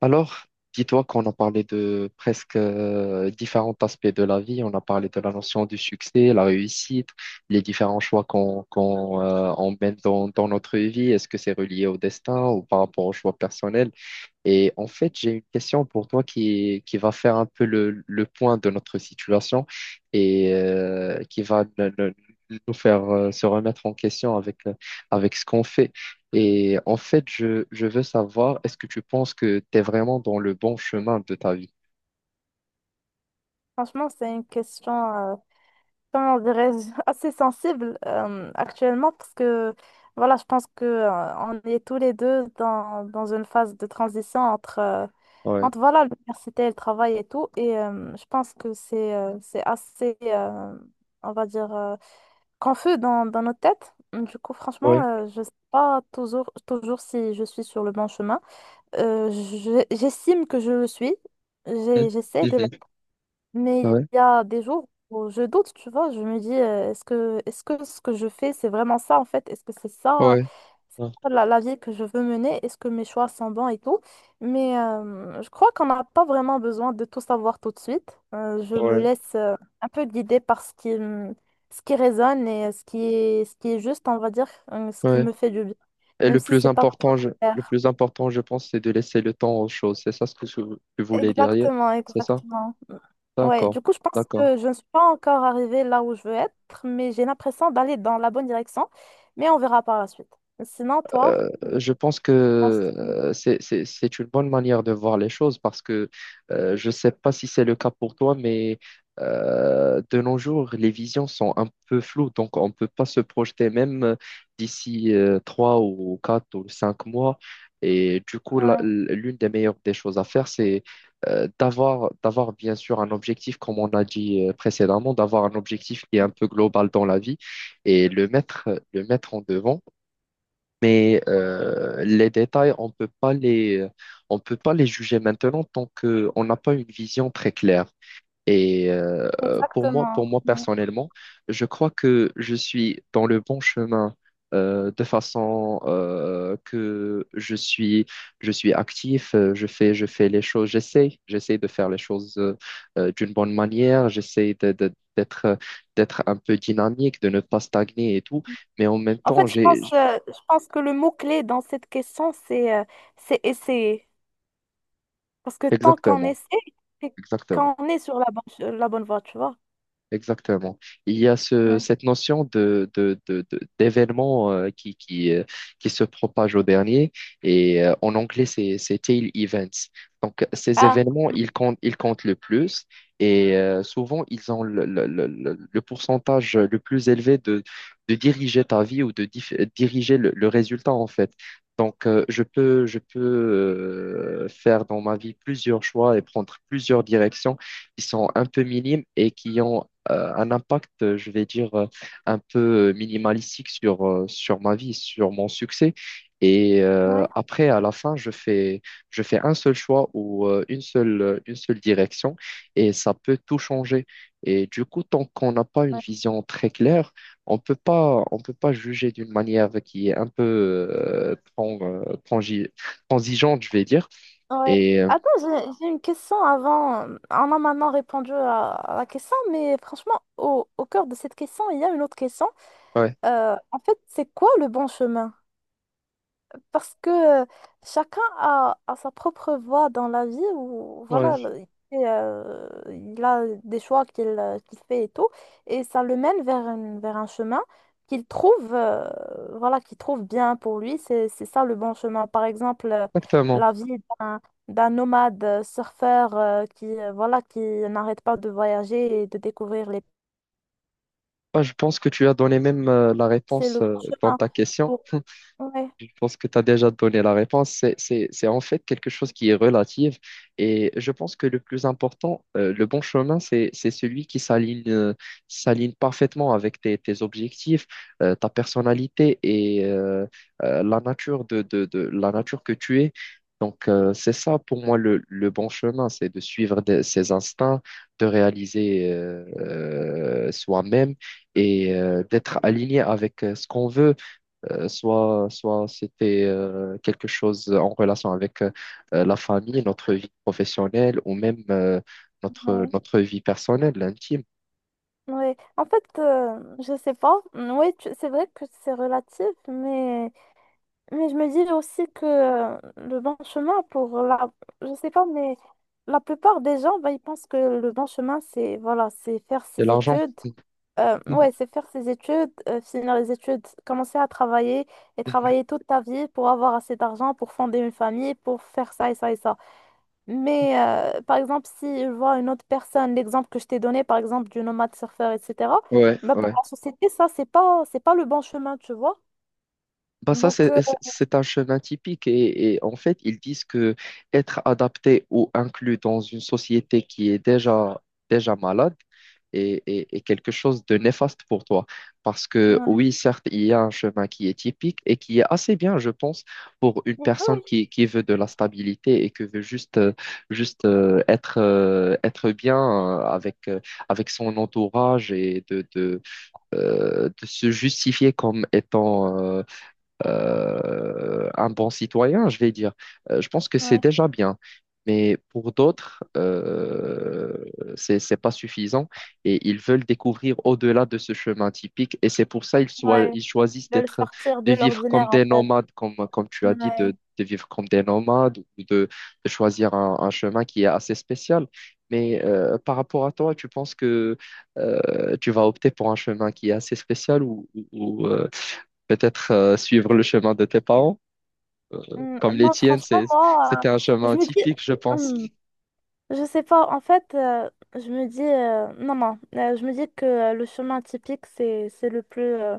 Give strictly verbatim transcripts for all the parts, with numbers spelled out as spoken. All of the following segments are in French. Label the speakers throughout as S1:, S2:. S1: Alors, dis-toi qu'on a parlé de presque euh, différents aspects de la vie. On a parlé de la notion du succès, la réussite, les différents choix qu'on qu'on euh, on mène dans, dans notre vie. Est-ce que c'est relié au destin ou par rapport aux choix personnels? Et en fait, j'ai une question pour toi qui, qui va faire un peu le, le point de notre situation et euh, qui va ne- ne- nous faire euh, se remettre en question avec, euh,, avec ce qu'on fait. Et en fait, je, je veux savoir, est-ce que tu penses que tu es vraiment dans le bon chemin de ta vie?
S2: Franchement, c'est une question, euh, comment dirais-je, assez sensible euh, actuellement parce que, voilà, je pense que euh, on est tous les deux dans, dans une phase de transition entre, euh,
S1: Ouais.
S2: entre voilà, l'université et le travail et tout. Et euh, je pense que c'est euh, c'est assez, euh, on va dire, euh, confus dans, dans nos têtes. Du coup, franchement,
S1: Ouais.
S2: euh, je sais pas toujours, toujours si je suis sur le bon chemin. Euh, je- j'estime que je le suis.
S1: Mhm.
S2: J'ai- J'essaie de
S1: Mhm.
S2: mais
S1: Ouais.
S2: il y a des jours où je doute, tu vois, je me dis, euh, est-ce que, est-ce que ce que je fais, c'est vraiment ça en fait? Est-ce que c'est ça,
S1: Ouais.
S2: c'est
S1: Ouais.
S2: ça la, la vie que je veux mener? Est-ce que mes choix sont bons et tout? Mais euh, je crois qu'on n'a pas vraiment besoin de tout savoir tout de suite. Euh, je me
S1: Ouais.
S2: laisse euh, un peu guider par ce qui, me- ce qui résonne et ce qui est, ce qui est juste, on va dire, euh, ce qui
S1: Ouais.
S2: me fait du bien,
S1: Et
S2: même
S1: le
S2: si
S1: plus
S2: c'est pas trop
S1: important, je, le
S2: clair.
S1: plus important, je pense, c'est de laisser le temps aux choses. C'est ça ce que tu tu voulais dire, hier?
S2: Exactement,
S1: C'est ça?
S2: exactement. Ouais,
S1: D'accord,
S2: du coup, je pense
S1: d'accord.
S2: que je ne suis pas encore arrivée là où je veux être, mais j'ai l'impression d'aller dans la bonne direction, mais on verra par la suite. Sinon, toi? je
S1: Je pense que
S2: pense-
S1: euh, c'est, c'est, c'est une bonne manière de voir les choses parce que euh, je ne sais pas si c'est le cas pour toi, mais euh, de nos jours, les visions sont un peu floues, donc on ne peut pas se projeter même euh, d'ici euh, trois ou quatre ou cinq mois. Et du coup, la-
S2: Ouais,
S1: l'une des meilleures des choses à faire, c'est euh, d'avoir, d'avoir bien sûr un objectif, comme on a dit euh, précédemment, d'avoir un objectif qui est un peu global dans la vie et le mettre, le mettre en devant mais euh, les détails, on peut pas les, on peut pas les juger maintenant tant que on n'a pas une vision très claire. Et euh, pour moi,
S2: exactement.
S1: pour moi
S2: Ouais.
S1: personnellement, je crois que je suis dans le bon chemin euh, de façon euh, que je suis, je suis actif, euh, je fais, je fais les choses, j'essaie, j'essaie de faire les choses euh, euh, d'une bonne manière, j'essaie de- de- d'être, d'être un peu dynamique, de ne pas stagner et tout. Mais en même
S2: En
S1: temps,
S2: fait, je
S1: j'ai,
S2: pense, euh, je pense que le mot-clé dans cette question, c'est euh, c'est essayer. Parce que tant qu'on
S1: Exactement.
S2: essaie, c'est
S1: Exactement.
S2: qu'on est sur la bonne, la bonne voie, tu vois.
S1: Exactement. Il y a ce,
S2: Ouais.
S1: cette notion de, de, de, de- d'événement euh, qui, qui, euh, qui se propage au dernier et euh, en anglais, c'est, c'est tail events. Donc, ces
S2: Ah,
S1: événements, ils comptent, ils comptent le plus et euh, souvent, ils ont le, le, le, le le pourcentage le plus élevé de, de diriger ta vie ou de dif- diriger le, le résultat, en fait. Donc, euh, je peux, je peux euh, faire dans ma vie plusieurs choix et prendre plusieurs directions qui sont un peu minimes et qui ont euh, un impact, euh, je vais dire, euh, un peu euh, minimalistique sur, euh, sur ma vie, sur mon succès. Et euh,
S2: ouais.
S1: après, à la fin, je fais, je fais un seul choix ou euh, une seule, euh, une seule direction et ça peut tout changer. Et du coup, tant qu'on n'a pas une vision très claire, on peut pas, on peut pas juger d'une manière qui est un peu euh, tran- euh, transi- transigeante, je vais dire.
S2: Ouais.
S1: Et euh,
S2: Attends, j'ai j'ai une question avant. On a maintenant répondu à, à la question, mais franchement, au, au cœur de cette question, il y a une autre question.
S1: ouais,
S2: Euh, en fait, c'est quoi le bon chemin? Parce que euh, chacun a, a sa propre voie dans la vie où voilà,
S1: ouais,
S2: et, euh, il a des choix qu'il euh, qu'il fait et tout, et ça le mène vers, une- vers un chemin qu'il trouve, euh, voilà, qu'il trouve bien pour lui. C'est, c'est ça le bon chemin. Par exemple, euh,
S1: exactement.
S2: la vie d'un, d'un nomade euh, surfeur euh, qui, euh, voilà, qui n'arrête pas de voyager et de découvrir les...
S1: Ah, je pense que tu as donné même euh, la
S2: C'est
S1: réponse
S2: le
S1: euh,
S2: bon
S1: dans
S2: chemin.
S1: ta question.
S2: pour- Ouais,
S1: Je pense que tu as déjà donné la réponse. C'est, c'est, c'est en fait quelque chose qui est relative. Et je pense que le plus important, euh, le bon chemin, c'est, c'est celui qui s'aligne, euh, s'aligne parfaitement avec tes, tes objectifs, euh, ta personnalité et euh, euh, la nature de, de, de- la nature que tu es. Donc, euh, c'est ça pour moi le, le bon chemin, c'est de suivre des- ses instincts, de réaliser euh, euh, soi-même et euh, d'être aligné avec euh, ce qu'on veut euh, soit soit c'était euh, quelque chose en relation avec euh, la famille, notre vie professionnelle ou même euh, notre,
S2: ouais.
S1: notre vie personnelle, intime.
S2: Oui en fait, euh, je sais pas. Oui, c'est vrai que c'est relatif, mais, mais je me dis aussi que euh, le bon chemin pour la... Je sais pas, mais la plupart des gens, bah, ils pensent que le bon chemin, c'est voilà, c'est faire
S1: C'est
S2: ses
S1: l'argent.
S2: études. Euh, ouais, c'est faire ses études, euh, finir les études, commencer à travailler et travailler toute ta vie pour avoir assez d'argent, pour fonder une famille, pour faire ça et ça et ça. Mais euh, par exemple, si je vois une autre personne, l'exemple que je t'ai donné, par exemple, du nomade surfeur, et cetera,
S1: Ouais,
S2: bah, pour
S1: ouais.
S2: la société, ça, c'est pas, c'est pas le bon chemin, tu vois.
S1: Bah ça,
S2: Donc,
S1: c'est
S2: euh,
S1: c'est- un chemin typique et, et en fait, ils disent que être adapté ou inclus dans une société qui est déjà, déjà malade est, est- est quelque chose de néfaste pour toi. Parce que
S2: ouais.
S1: oui, certes, il y a un chemin qui est typique et qui est assez bien, je pense, pour une
S2: Oui,
S1: personne
S2: oui,
S1: qui, qui veut de la stabilité et qui veut juste, euh, juste euh, être, euh, être bien euh, avec, euh, avec son entourage et de, de, euh, de se justifier comme étant... euh, euh, un bon citoyen, je vais dire. Euh, je pense que c'est
S2: ouais,
S1: déjà bien. Mais pour d'autres, euh, c'est, c'est pas suffisant et ils veulent découvrir au-delà de ce chemin typique et c'est pour ça ils, soi-
S2: ouais.
S1: ils choisissent
S2: De le
S1: d'être,
S2: sortir
S1: de
S2: de
S1: vivre comme
S2: l'ordinaire, en
S1: des
S2: fait.
S1: nomades, comme, comme tu as dit,
S2: Ouais.
S1: de, de vivre comme des nomades ou de, de choisir un, un chemin qui est assez spécial. Mais euh, par rapport à toi, tu penses que euh, tu vas opter pour un chemin qui est assez spécial ou, ou, peut-être euh, suivre le chemin de tes parents, euh,
S2: Mm,
S1: comme les
S2: non,
S1: tiennes,
S2: franchement,
S1: c'est,
S2: moi,
S1: c'était un
S2: euh,
S1: chemin
S2: je me dis,
S1: typique, je pense.
S2: hmm, je sais pas, en fait, euh, je me dis, euh, non, non, euh, je me dis que euh, le chemin typique, c'est, c'est le plus, euh,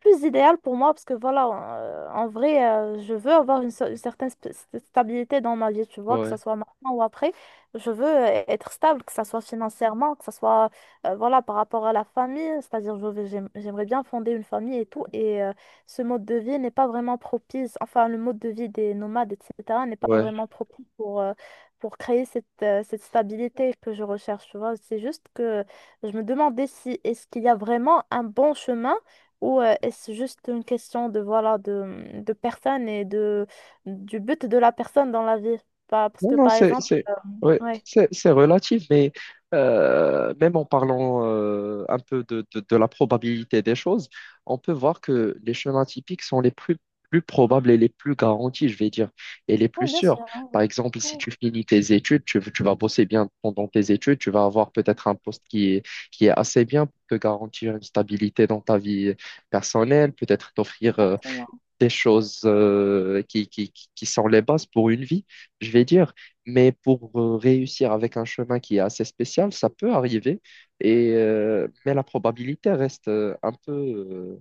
S2: plus idéal pour moi parce que voilà, en, euh, en vrai, euh, je veux avoir une, so- une certaine sp- st- stabilité dans ma vie, tu vois, que ce
S1: Ouais,
S2: soit maintenant ou après. Je veux euh, être stable, que ce soit financièrement, que ce soit euh, voilà, par rapport à la famille, c'est-à-dire je veux- j'aime- j'aimerais bien fonder une famille et tout. Et euh, ce mode de vie n'est pas vraiment propice, enfin, le mode de vie des nomades, et cetera, n'est pas
S1: ouais.
S2: vraiment propice pour, euh, pour créer cette, euh, cette stabilité que je recherche, tu vois. C'est juste que je me demandais si est-ce qu'il y a vraiment un bon chemin ou euh, est-ce juste une question de, voilà, de, de personne et de, du but de la personne dans la vie? Pas- Parce
S1: Non,
S2: que
S1: non,
S2: par
S1: c'est,
S2: exemple,
S1: c'est, ouais,
S2: ouais.
S1: c'est, c'est relatif, mais euh, même en parlant euh, un peu de, de, de la probabilité des choses, on peut voir que les chemins typiques sont les plus, plus probables et les plus garantis, je vais dire, et les plus
S2: Oui, bien
S1: sûrs.
S2: sûr, hein.
S1: Par exemple, si
S2: Oui,
S1: tu finis tes études, tu, tu vas bosser bien pendant tes études, tu vas avoir peut-être un poste qui est, qui est assez bien pour te garantir une stabilité dans ta vie euh, personnelle, peut-être t'offrir euh,
S2: exactement.
S1: des choses euh, qui, qui, qui sont les bases pour une vie, je vais dire. Mais pour euh, réussir avec un chemin qui est assez spécial, ça peut arriver. Et, euh, mais la probabilité reste euh, un peu, euh,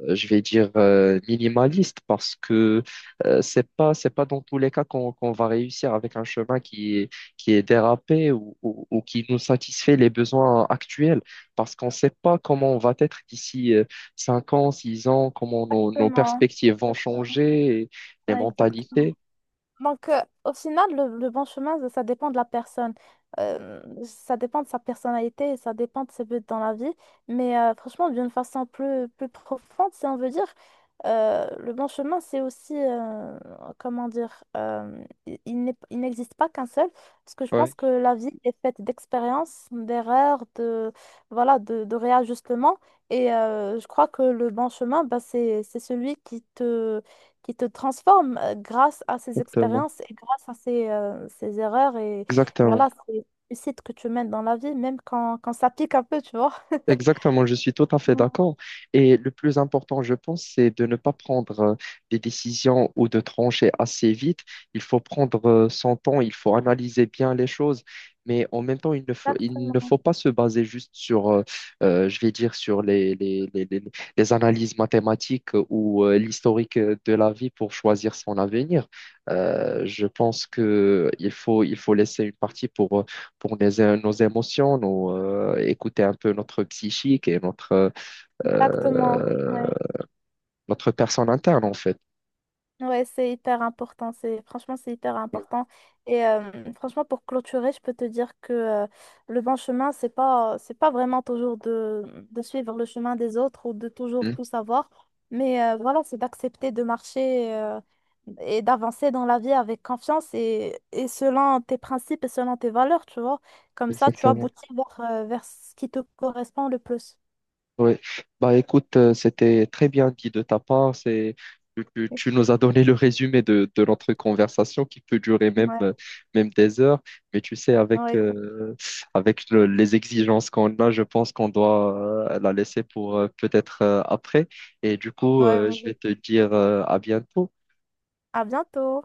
S1: euh, je vais dire euh, minimaliste parce que euh, c'est pas c'est pas dans tous les cas qu'on qu'on va réussir avec un chemin qui est qui est dérapé ou, ou, ou qui nous satisfait les besoins actuels parce qu'on sait pas comment on va être d'ici euh, cinq ans, six ans, comment nos, nos
S2: Exactement.
S1: perspectives vont
S2: Exactement.
S1: changer, et les
S2: Ouais, exactement.
S1: mentalités.
S2: Donc, euh, au final, le, le bon chemin, ça ça dépend de la personne. Euh, ça dépend de sa personnalité, ça dépend de ses buts dans la vie. Mais euh, franchement, d'une façon plus, plus profonde, si on veut dire, euh, le bon chemin, c'est aussi, euh, comment dire, euh, il, il n'est- il n'existe pas qu'un seul, parce que je pense
S1: Ouais,
S2: que la vie est faite d'expériences, d'erreurs, de, voilà, de, de réajustements. Et euh, je crois que le bon chemin, bah, c'est, c'est celui qui te qui te transforme euh, grâce à ces
S1: exactement.
S2: expériences et grâce à ces, euh, ces erreurs. Et
S1: Exactement.
S2: voilà, c'est réussite que tu mènes dans la vie, même quand, quand ça pique un peu, tu vois.
S1: Exactement, je suis tout à fait
S2: Ouais.
S1: d'accord. Et le plus important, je pense, c'est de ne pas prendre euh, des décisions ou de trancher assez vite. Il faut prendre euh, son temps, il faut analyser bien les choses, mais en même temps, il ne faut, il ne faut
S2: Exactement.
S1: pas se baser juste sur, euh, euh, je vais dire, sur les, les, les, les- les analyses mathématiques euh, ou euh, l'historique euh, de la vie pour choisir son avenir. Euh, je pense que il faut, il faut laisser une partie pour euh, pour les- nos émotions, nous, euh, écouter un peu notre psychique et notre,
S2: Exactement.
S1: euh,
S2: Ouais.
S1: notre personne interne, en fait.
S2: Ouais, c'est hyper important. C'est franchement, c'est hyper important. Et euh, franchement, pour clôturer, je peux te dire que euh, le bon chemin, c'est pas, c'est pas vraiment toujours de, de suivre le chemin des autres ou de toujours
S1: Mhm.
S2: tout savoir. Mais euh, voilà, c'est d'accepter de marcher euh, et d'avancer dans la vie avec confiance et, et selon tes principes et selon tes valeurs, tu vois. Comme ça, tu
S1: Exactement.
S2: aboutis vers, euh, vers ce qui te correspond le plus.
S1: Oui. Bah, écoute, euh, c'était très bien dit de ta part. C'est, tu, tu-
S2: Ouais,
S1: tu nous as donné le résumé de, de notre conversation qui peut durer même, euh, même des heures. Mais tu sais, avec,
S2: ouais, exact-
S1: euh, avec le- les exigences qu'on a, je pense qu'on doit euh, la laisser pour euh, peut-être euh, après. Et du coup,
S2: ouais,
S1: euh, je
S2: vas-y.
S1: vais te dire euh, à bientôt.
S2: À bientôt.